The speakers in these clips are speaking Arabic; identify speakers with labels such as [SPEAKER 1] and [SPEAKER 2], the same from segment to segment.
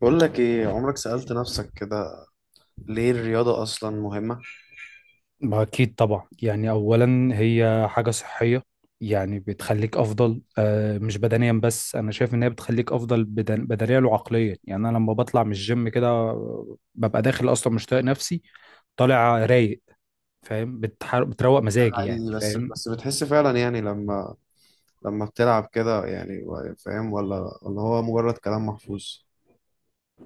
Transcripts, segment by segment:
[SPEAKER 1] بقول لك ايه، عمرك سألت نفسك كده ليه الرياضة أصلا مهمة؟
[SPEAKER 2] ما أكيد طبعا، يعني أولا هي حاجة صحية. يعني بتخليك أفضل، مش بدنيا بس، أنا شايف إن هي بتخليك أفضل بدنيا وعقليا. يعني أنا لما بطلع من الجيم كده ببقى داخل أصلا مش طايق نفسي، طالع رايق. فاهم؟ بتروق
[SPEAKER 1] ده
[SPEAKER 2] مزاجي، يعني
[SPEAKER 1] حقيقي. بس
[SPEAKER 2] فاهم.
[SPEAKER 1] بس بتحس فعلا، يعني لما بتلعب كده، يعني، فاهم، ولا هو مجرد كلام محفوظ؟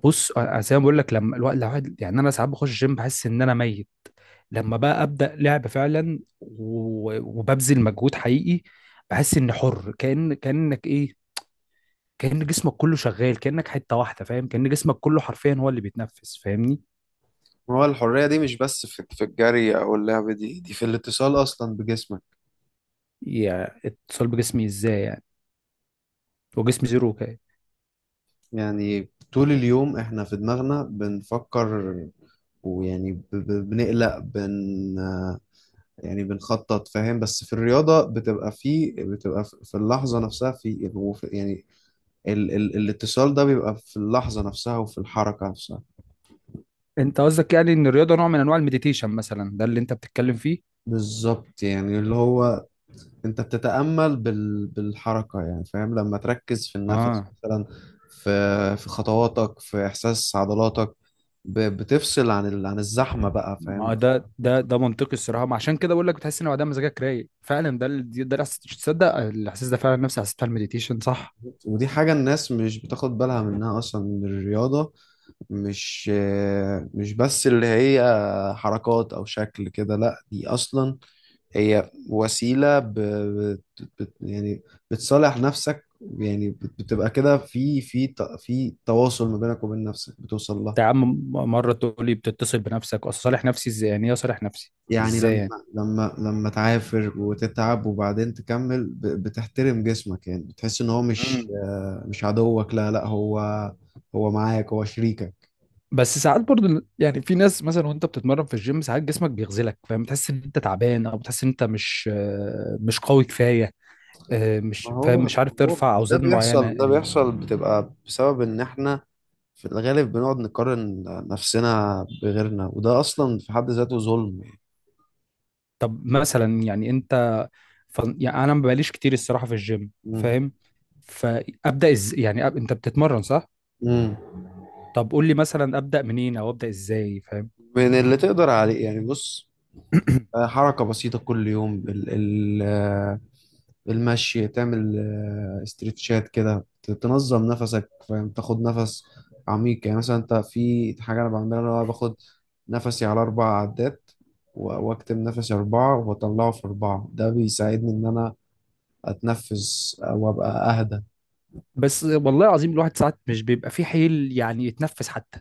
[SPEAKER 2] بص، أنا زي ما بقول لك لما الوقت الواحد، يعني أنا ساعات بخش الجيم بحس إن أنا ميت، لما بقى أبدأ لعب فعلا وببذل مجهود حقيقي، بحس إني حر. كأنك إيه، كأن جسمك كله شغال، كأنك حتة واحدة. فاهم؟ كأن جسمك كله حرفيا هو اللي بيتنفس. فاهمني؟
[SPEAKER 1] هو الحرية دي مش بس في الجري أو اللعب، دي في الاتصال أصلا بجسمك.
[SPEAKER 2] يعني اتصال بجسمي ازاي؟ يعني وجسمي زيرو كده.
[SPEAKER 1] يعني طول اليوم إحنا في دماغنا بنفكر، ويعني بنقلق، يعني بنخطط، فاهم، بس في الرياضة بتبقى في اللحظة نفسها، يعني ال ال الاتصال ده بيبقى في اللحظة نفسها وفي الحركة نفسها.
[SPEAKER 2] انت قصدك يعني ان الرياضة نوع من انواع المديتيشن مثلا؟ ده اللي انت بتتكلم فيه؟
[SPEAKER 1] بالظبط، يعني اللي هو انت بتتأمل بالحركة، يعني، فاهم، لما تركز في النفس
[SPEAKER 2] اه.
[SPEAKER 1] مثلا، في خطواتك، في إحساس عضلاتك، بتفصل عن الزحمة بقى، فاهم.
[SPEAKER 2] ما ده منطقي الصراحة. ما عشان كده بقول لك بتحس ان بعدها مزاجك رايق فعلا. ده الإحساس. تصدق الاحساس ده فعلا نفسي حسيت على المديتيشن؟ صح.
[SPEAKER 1] ودي حاجة الناس مش بتاخد بالها منها أصلا من الرياضة. مش مش بس اللي هي حركات أو شكل كده، لأ، دي أصلا هي وسيلة يعني بتصالح نفسك، يعني بتبقى كده في في تواصل ما بينك وبين نفسك، بتوصل لها.
[SPEAKER 2] انت يا عم مرة تقول لي بتتصل بنفسك، اصل صالح نفسي ازاي؟ يعني ايه اصالح نفسي؟
[SPEAKER 1] يعني لما
[SPEAKER 2] ازاي؟
[SPEAKER 1] لما لما تعافر وتتعب وبعدين تكمل، بتحترم جسمك، يعني بتحس ان هو مش،
[SPEAKER 2] يعني.
[SPEAKER 1] مش عدوك، لا لا، هو هو معاك، هو شريكك.
[SPEAKER 2] بس ساعات برضو يعني في ناس مثلا وانت بتتمرن في الجيم ساعات جسمك بيغزلك، فاهم؟ تحس ان انت تعبان او بتحس ان انت مش مش قوي كفايه.
[SPEAKER 1] ما
[SPEAKER 2] مش فاهم،
[SPEAKER 1] هو،
[SPEAKER 2] مش عارف
[SPEAKER 1] هو
[SPEAKER 2] ترفع
[SPEAKER 1] ده
[SPEAKER 2] اوزان معينه
[SPEAKER 1] بيحصل. بتبقى بسبب ان احنا في الغالب بنقعد نقارن نفسنا بغيرنا، وده اصلا في حد ذاته ظلم.
[SPEAKER 2] طب مثلا يعني انت، يعني انا ما بقاليش كتير الصراحه في الجيم
[SPEAKER 1] مم.
[SPEAKER 2] فاهم، يعني انت بتتمرن صح؟
[SPEAKER 1] مم.
[SPEAKER 2] طب قول لي مثلا ابدا منين او ابدا ازاي؟ فاهم؟
[SPEAKER 1] من اللي تقدر عليه، يعني بص، حركة بسيطة كل يوم، ال ال آه، المشي، تعمل استرتشات كده، تنظم نفسك، فاهم، تاخد نفس عميق. يعني مثلا انت في حاجة انا بعملها، اللي هو باخد نفسي على 4 عدات، واكتم نفسي 4، واطلعه في 4. ده بيساعدني ان انا اتنفس، وابقى اهدى.
[SPEAKER 2] بس والله العظيم الواحد ساعات مش بيبقى فيه حيل يعني يتنفس حتى.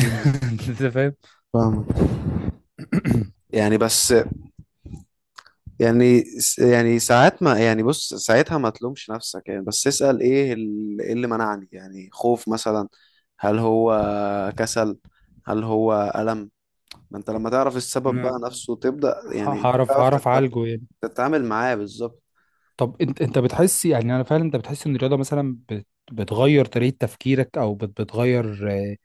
[SPEAKER 1] مم.
[SPEAKER 2] انت فاهم.
[SPEAKER 1] فاهمك، يعني بس، يعني يعني ساعات، ما يعني بص، ساعتها ما تلومش نفسك، يعني بس اسأل ايه إيه اللي منعني، يعني خوف مثلا، هل هو كسل، هل هو ألم. ما انت لما تعرف السبب بقى، نفسه تبدأ، يعني انت
[SPEAKER 2] هعرف،
[SPEAKER 1] تعرف
[SPEAKER 2] هعرف اعالجه يعني.
[SPEAKER 1] تتعامل معاه، بالظبط.
[SPEAKER 2] طب انت، انت بتحس، يعني انا فعلا انت بتحس ان الرياضه مثلا بتغير طريقه تفكيرك، او بتغير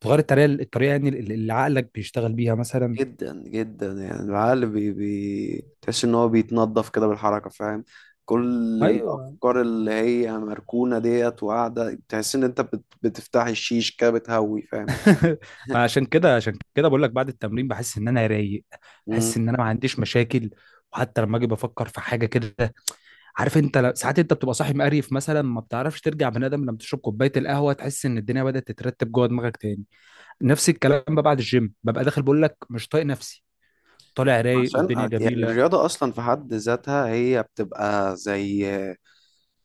[SPEAKER 2] بتغير الطريقه، يعني اللي عقلك بيشتغل بيها مثلا؟
[SPEAKER 1] جدا جدا، يعني العقل بي بي تحس ان هو بيتنضف كده بالحركة، فاهم، كل
[SPEAKER 2] ايوه.
[SPEAKER 1] الافكار اللي هي مركونة ديت وقاعدة، تحس ان انت بتفتحي الشيش كده، بتهوي، فاهم.
[SPEAKER 2] عشان كده، عشان كده بقول لك بعد التمرين بحس ان انا رايق، بحس ان انا ما عنديش مشاكل. وحتى لما اجي بفكر في حاجه كده، عارف انت، ساعات انت بتبقى صاحي مقريف مثلا، ما بتعرفش ترجع بني ادم، لما تشرب كوبايه القهوه تحس ان الدنيا بدات تترتب جوه دماغك تاني. نفس الكلام بقى بعد الجيم. ببقى داخل بقول لك مش طايق نفسي، طالع رايق
[SPEAKER 1] عشان
[SPEAKER 2] والدنيا
[SPEAKER 1] يعني
[SPEAKER 2] جميله.
[SPEAKER 1] الرياضة أصلا في حد ذاتها هي بتبقى زي،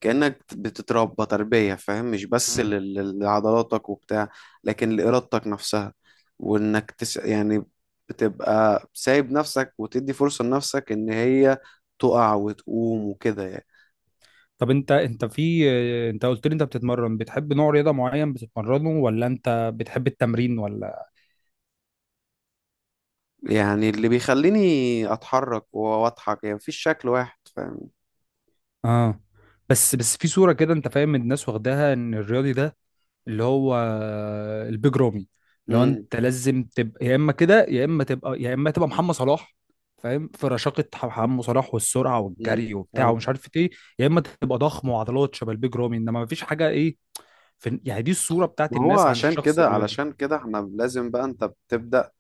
[SPEAKER 1] كأنك بتتربى تربية، فاهم، مش بس
[SPEAKER 2] مم.
[SPEAKER 1] لعضلاتك وبتاع، لكن لإرادتك نفسها، وإنك يعني بتبقى سايب نفسك وتدي فرصة لنفسك إن هي تقع وتقوم وكده، يعني.
[SPEAKER 2] طب انت، انت في انت قلت لي انت بتتمرن، بتحب نوع رياضه معين بتتمرنه ولا انت بتحب التمرين ولا؟
[SPEAKER 1] يعني اللي بيخليني أتحرك وأضحك، يعني مفيش شكل واحد، فاهم.
[SPEAKER 2] اه. بس، بس في صوره كده انت فاهم، الناس واخداها ان الرياضي ده اللي هو البيج رامي، لو
[SPEAKER 1] امم
[SPEAKER 2] انت لازم تبقى يا اما كده، يا اما تبقى محمد صلاح، فاهم؟ في رشاقه محمد صلاح والسرعه والجري وبتاع
[SPEAKER 1] فاهم.
[SPEAKER 2] ومش عارف ايه، يا اما تبقى ضخم وعضلات شبه البيج رامي. انما مفيش حاجه ايه، في، يعني دي الصوره بتاعت
[SPEAKER 1] ما هو
[SPEAKER 2] الناس عن
[SPEAKER 1] عشان
[SPEAKER 2] الشخص
[SPEAKER 1] كده،
[SPEAKER 2] الرياضي.
[SPEAKER 1] علشان كده احنا لازم بقى، انت بتبدأ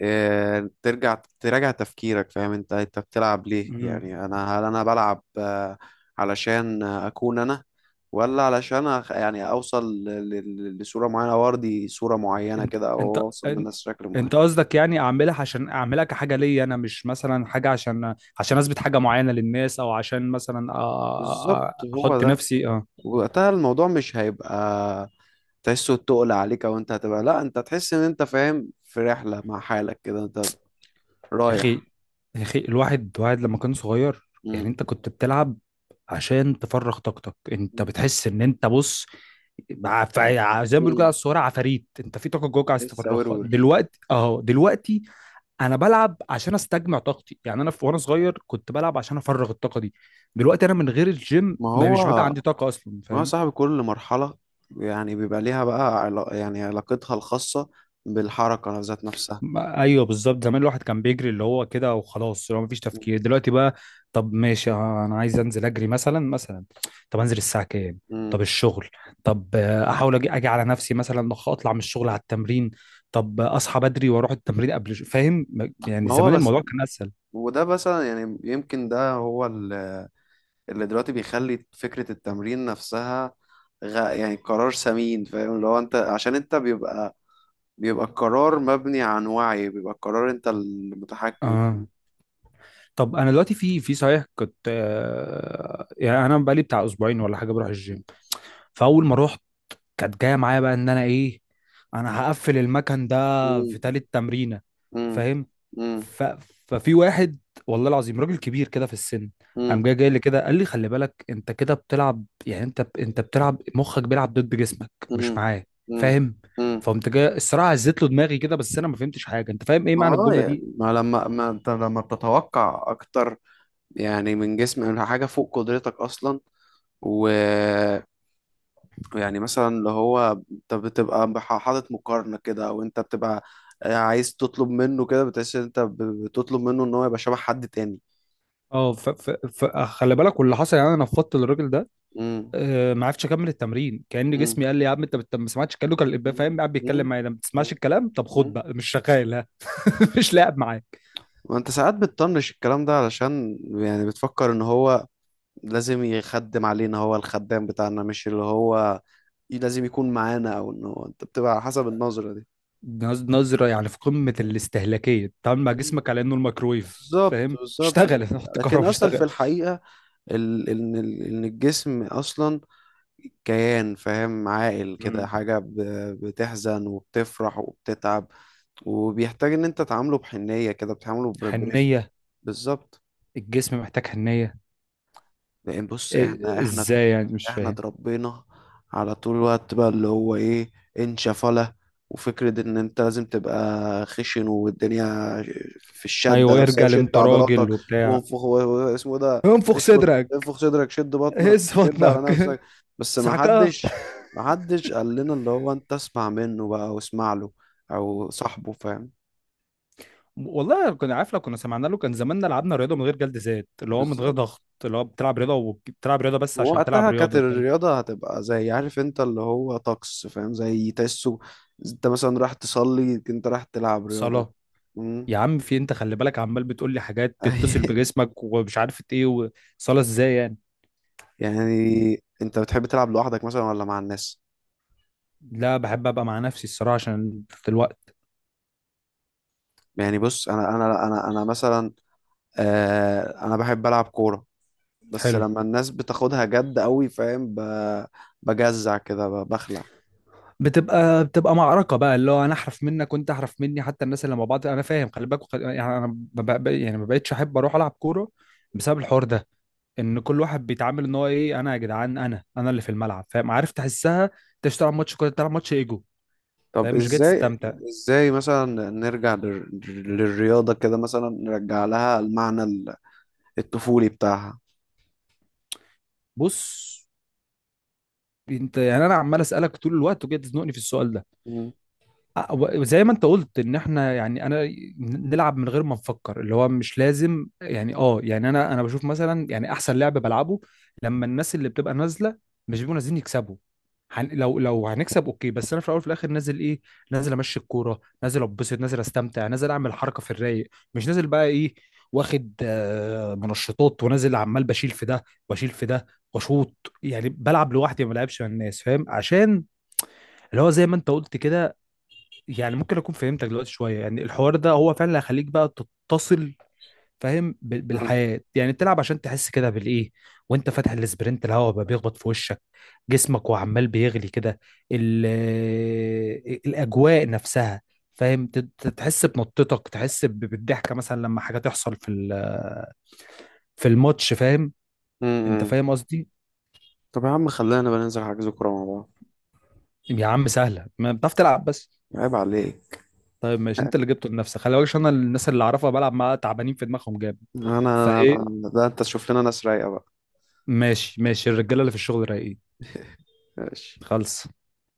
[SPEAKER 1] إيه، ترجع تراجع تفكيرك، فاهم، انت بتلعب ليه؟
[SPEAKER 2] مم.
[SPEAKER 1] يعني انا، هل انا بلعب، علشان اكون انا، ولا علشان يعني اوصل لصورة معينة، او ارضي صورة معينة
[SPEAKER 2] انت،
[SPEAKER 1] كده،
[SPEAKER 2] انت
[SPEAKER 1] او اوصل للناس شكل معين.
[SPEAKER 2] انت قصدك يعني اعملها عشان اعملها كحاجه ليا انا، مش مثلا حاجه عشان، عشان اثبت حاجه معينه للناس، او عشان مثلا
[SPEAKER 1] بالظبط، هو
[SPEAKER 2] احط
[SPEAKER 1] ده.
[SPEAKER 2] نفسي. اه.
[SPEAKER 1] وقتها الموضوع مش هيبقى تحسه تقل عليك، او انت هتبقى، لا، انت تحس ان انت، فاهم، في رحلة مع حالك كده، انت
[SPEAKER 2] يا اخي،
[SPEAKER 1] رايح.
[SPEAKER 2] يا اخي الواحد، لما كان صغير، يعني
[SPEAKER 1] مم.
[SPEAKER 2] انت كنت بتلعب عشان تفرغ طاقتك. انت بتحس ان انت بص، زي ما بيقولوا كده على
[SPEAKER 1] مم.
[SPEAKER 2] الصوره عفاريت، انت في طاقه جواك عايز
[SPEAKER 1] لسه
[SPEAKER 2] تفرغها
[SPEAKER 1] ورور.
[SPEAKER 2] دلوقتي اهو دلوقتي. انا بلعب عشان استجمع طاقتي، يعني انا، في وانا صغير كنت بلعب عشان افرغ الطاقه دي، دلوقتي انا من غير الجيم
[SPEAKER 1] ما
[SPEAKER 2] ما
[SPEAKER 1] هو،
[SPEAKER 2] مش بيبقى عندي طاقه اصلا. فاهم؟
[SPEAKER 1] صاحب كل مرحلة يعني، بيبقى ليها بقى يعني علاقتها الخاصة بالحركة ذات نفسها.
[SPEAKER 2] ما- ايوه، بالظبط. زمان الواحد كان بيجري اللي هو كده وخلاص، اللي هو مفيش تفكير. دلوقتي بقى طب ماشي انا عايز انزل اجري مثلا، مثلا طب انزل الساعه كام؟ طب
[SPEAKER 1] مم.
[SPEAKER 2] الشغل، طب احاول اجي، اجي على نفسي مثلا، اطلع من الشغل على التمرين، طب اصحى بدري واروح التمرين قبل فاهم؟ يعني
[SPEAKER 1] ما هو
[SPEAKER 2] زمان
[SPEAKER 1] بس،
[SPEAKER 2] الموضوع كان اسهل.
[SPEAKER 1] وده مثلا يعني، يمكن ده هو اللي دلوقتي بيخلي فكرة التمرين نفسها، يعني قرار سمين، فاهم، اللي هو انت، عشان انت بيبقى، القرار مبني عن وعي، بيبقى القرار انت المتحكم
[SPEAKER 2] اه.
[SPEAKER 1] فيه.
[SPEAKER 2] طب انا دلوقتي في، في صحيح كنت يعني انا بقالي بتاع اسبوعين ولا حاجه بروح الجيم. فاول ما رحت كانت جايه معايا بقى ان انا ايه، انا هقفل المكان ده في
[SPEAKER 1] مم.
[SPEAKER 2] تالت تمرينه.
[SPEAKER 1] مم.
[SPEAKER 2] فاهم؟
[SPEAKER 1] مم.
[SPEAKER 2] ف... ففي واحد، والله العظيم راجل كبير كده في السن، قام
[SPEAKER 1] مم.
[SPEAKER 2] جاي لي كده قال لي خلي بالك انت كده بتلعب، يعني انت بتلعب مخك بيلعب ضد جسمك
[SPEAKER 1] مم.
[SPEAKER 2] مش معاه.
[SPEAKER 1] مم.
[SPEAKER 2] فاهم؟
[SPEAKER 1] مم.
[SPEAKER 2] فقمت جاي الصراحه هزيت له دماغي كده، بس انا ما فهمتش حاجه. انت فاهم ايه
[SPEAKER 1] ما،
[SPEAKER 2] معنى الجمله
[SPEAKER 1] يعني،
[SPEAKER 2] دي؟
[SPEAKER 1] ما انت لما بتتوقع اكتر، يعني من جسم، من حاجه فوق قدرتك اصلا، و، يعني مثلا اللي هو انت بتبقى حاطط مقارنه كده، او انت بتبقى عايز تطلب منه كده، بتحس ان انت بتطلب منه ان هو يبقى شبه حد تاني.
[SPEAKER 2] اه خلي بالك. واللي حصل يعني انا نفضت الراجل ده.
[SPEAKER 1] امم
[SPEAKER 2] آه، ما عرفتش اكمل التمرين. كأن
[SPEAKER 1] امم
[SPEAKER 2] جسمي قال لي يا عم انت ما سمعتش كلامه. كان الابا فاهم قاعد بيتكلم
[SPEAKER 1] امم
[SPEAKER 2] معايا ما بتسمعش الكلام، طب خد
[SPEAKER 1] امم
[SPEAKER 2] بقى مش شغال ها. مش لاعب معاك.
[SPEAKER 1] وانت ساعات بتطنش الكلام ده، علشان يعني بتفكر ان هو لازم يخدم علينا، هو الخدام بتاعنا، مش اللي هو لازم يكون معانا، او ان هو، انت بتبقى على حسب النظرة دي.
[SPEAKER 2] نظرة يعني في قمة الاستهلاكية، تعامل مع جسمك على انه الميكرويف،
[SPEAKER 1] بالظبط،
[SPEAKER 2] فاهم؟
[SPEAKER 1] بالظبط.
[SPEAKER 2] اشتغل. حط
[SPEAKER 1] لكن
[SPEAKER 2] كهرباء،
[SPEAKER 1] اصلا في
[SPEAKER 2] اشتغل.
[SPEAKER 1] الحقيقة، ان الجسم اصلا كيان، فاهم، عاقل كده،
[SPEAKER 2] مم.
[SPEAKER 1] حاجة بتحزن وبتفرح وبتتعب، وبيحتاج ان انت تعامله بحنية كده، بتعامله برفق.
[SPEAKER 2] حنية.
[SPEAKER 1] بالظبط.
[SPEAKER 2] الجسم محتاج حنية؟
[SPEAKER 1] لأن بص احنا،
[SPEAKER 2] إيه،
[SPEAKER 1] احنا
[SPEAKER 2] ازاي يعني؟ مش
[SPEAKER 1] احنا
[SPEAKER 2] فاهم.
[SPEAKER 1] اتربينا على طول الوقت بقى، اللي هو ايه، انشفلة، وفكرة ان انت لازم تبقى خشن، والدنيا في الشدة
[SPEAKER 2] ايوه ارجع،
[SPEAKER 1] نفسها،
[SPEAKER 2] لأن
[SPEAKER 1] شد
[SPEAKER 2] انت
[SPEAKER 1] عضلاتك،
[SPEAKER 2] راجل وبتاع،
[SPEAKER 1] وانفخ، اسمه ده،
[SPEAKER 2] انفخ
[SPEAKER 1] اشفط،
[SPEAKER 2] صدرك،
[SPEAKER 1] انفخ صدرك، شد بطنك،
[SPEAKER 2] هز
[SPEAKER 1] شد على
[SPEAKER 2] بطنك.
[SPEAKER 1] نفسك. بس ما
[SPEAKER 2] سعكها.
[SPEAKER 1] حدش، قال لنا اللي هو انت اسمع منه بقى، واسمع له، او صاحبه، فاهم.
[SPEAKER 2] والله كنا عارف، لو كنا سمعنا له كان زماننا لعبنا رياضه من غير جلد ذات، اللي هو من غير
[SPEAKER 1] بالظبط.
[SPEAKER 2] ضغط، اللي هو بتلعب رياضه وبتلعب رياضه بس عشان تلعب
[SPEAKER 1] وقتها كانت
[SPEAKER 2] رياضه. فاهم؟
[SPEAKER 1] الرياضة هتبقى زي، عارف انت اللي هو طقس، فاهم، زي تحسه، انت مثلا راح تصلي، انت راح تلعب رياضة.
[SPEAKER 2] صلاه.
[SPEAKER 1] مم.
[SPEAKER 2] يا عم في إيه؟ انت خلي بالك عمال بتقول لي حاجات تتصل بجسمك ومش عارف ايه، وصلاه ازاي يعني؟
[SPEAKER 1] يعني انت بتحب تلعب لوحدك مثلا ولا مع الناس؟
[SPEAKER 2] لا، بحب ابقى مع نفسي الصراحه، عشان في الوقت.
[SPEAKER 1] يعني بص، انا مثلا، انا بحب العب كورة، بس
[SPEAKER 2] حلو.
[SPEAKER 1] لما الناس بتاخدها جد قوي، فاهم، بجزع كده، بخلع.
[SPEAKER 2] بتبقى معركه بقى، اللي هو انا احرف منك وانت احرف مني، حتى الناس اللي مع بعض انا فاهم خلي بالك. يعني انا ما بق- يعني ما بقتش احب اروح العب كوره، بسبب الحوار ده، ان كل واحد بيتعامل ان هو ايه، انا يا جدعان، انا اللي في الملعب. فاهم؟ عارف، تحسها انت مش تلعب ماتش كوره، تلعب ماتش ايجو.
[SPEAKER 1] طب
[SPEAKER 2] فاهم؟ مش جاي
[SPEAKER 1] ازاي،
[SPEAKER 2] تستمتع.
[SPEAKER 1] مثلا نرجع للرياضة كده، مثلا نرجع لها المعنى الطفولي بتاعها.
[SPEAKER 2] بص، انت يعني انا عمال اسالك طول الوقت وجاي تزنقني في السؤال ده.
[SPEAKER 1] مم.
[SPEAKER 2] وزي ما انت قلت ان احنا يعني انا، نلعب من غير ما نفكر، اللي هو مش لازم يعني، اه يعني انا بشوف مثلا، يعني احسن لعب بلعبه لما الناس اللي بتبقى نازله مش بيبقوا نازلين يكسبوا، لو، لو هنكسب اوكي، بس انا في الاول وفي الاخر نازل ايه، نازل امشي الكوره، نازل اتبسط، نازل استمتع، نازل اعمل حركه في الرايق، مش نازل بقى ايه واخد منشطات ونازل عمال بشيل في ده، واشيل في ده، واشوط. يعني بلعب لوحدي، ما بلعبش مع الناس. فاهم؟ عشان اللي هو زي ما انت قلت كده، يعني ممكن اكون فهمتك دلوقتي شويه، يعني الحوار ده هو فعلا اللي هيخليك بقى تتصل، فاهم؟
[SPEAKER 1] مم.
[SPEAKER 2] بالحياه، يعني تلعب عشان تحس كده بالايه، وانت فاتح الاسبرنت الهواء بقى بيخبط في وشك، جسمك وعمال بيغلي كده، ال- الاجواء نفسها، فاهم؟ تحس بنطتك، تحس بالضحكه مثلا لما حاجه تحصل في في الماتش. فاهم؟ انت
[SPEAKER 1] مم.
[SPEAKER 2] فاهم قصدي.
[SPEAKER 1] طب يا عم، خلينا بقى ننزل حجز كورة مع بعض.
[SPEAKER 2] يا عم سهله، ما بتعرف تلعب بس.
[SPEAKER 1] عيب عليك.
[SPEAKER 2] طيب ماشي، انت اللي جبته لنفسك خلي بالك، عشان انا الناس اللي اعرفها بلعب معاها تعبانين في دماغهم جامد. فايه؟
[SPEAKER 1] ده انت تشوف لنا ناس رايقة بقى.
[SPEAKER 2] ماشي ماشي، الرجاله اللي في الشغل رايقين.
[SPEAKER 1] ماشي.
[SPEAKER 2] خلص.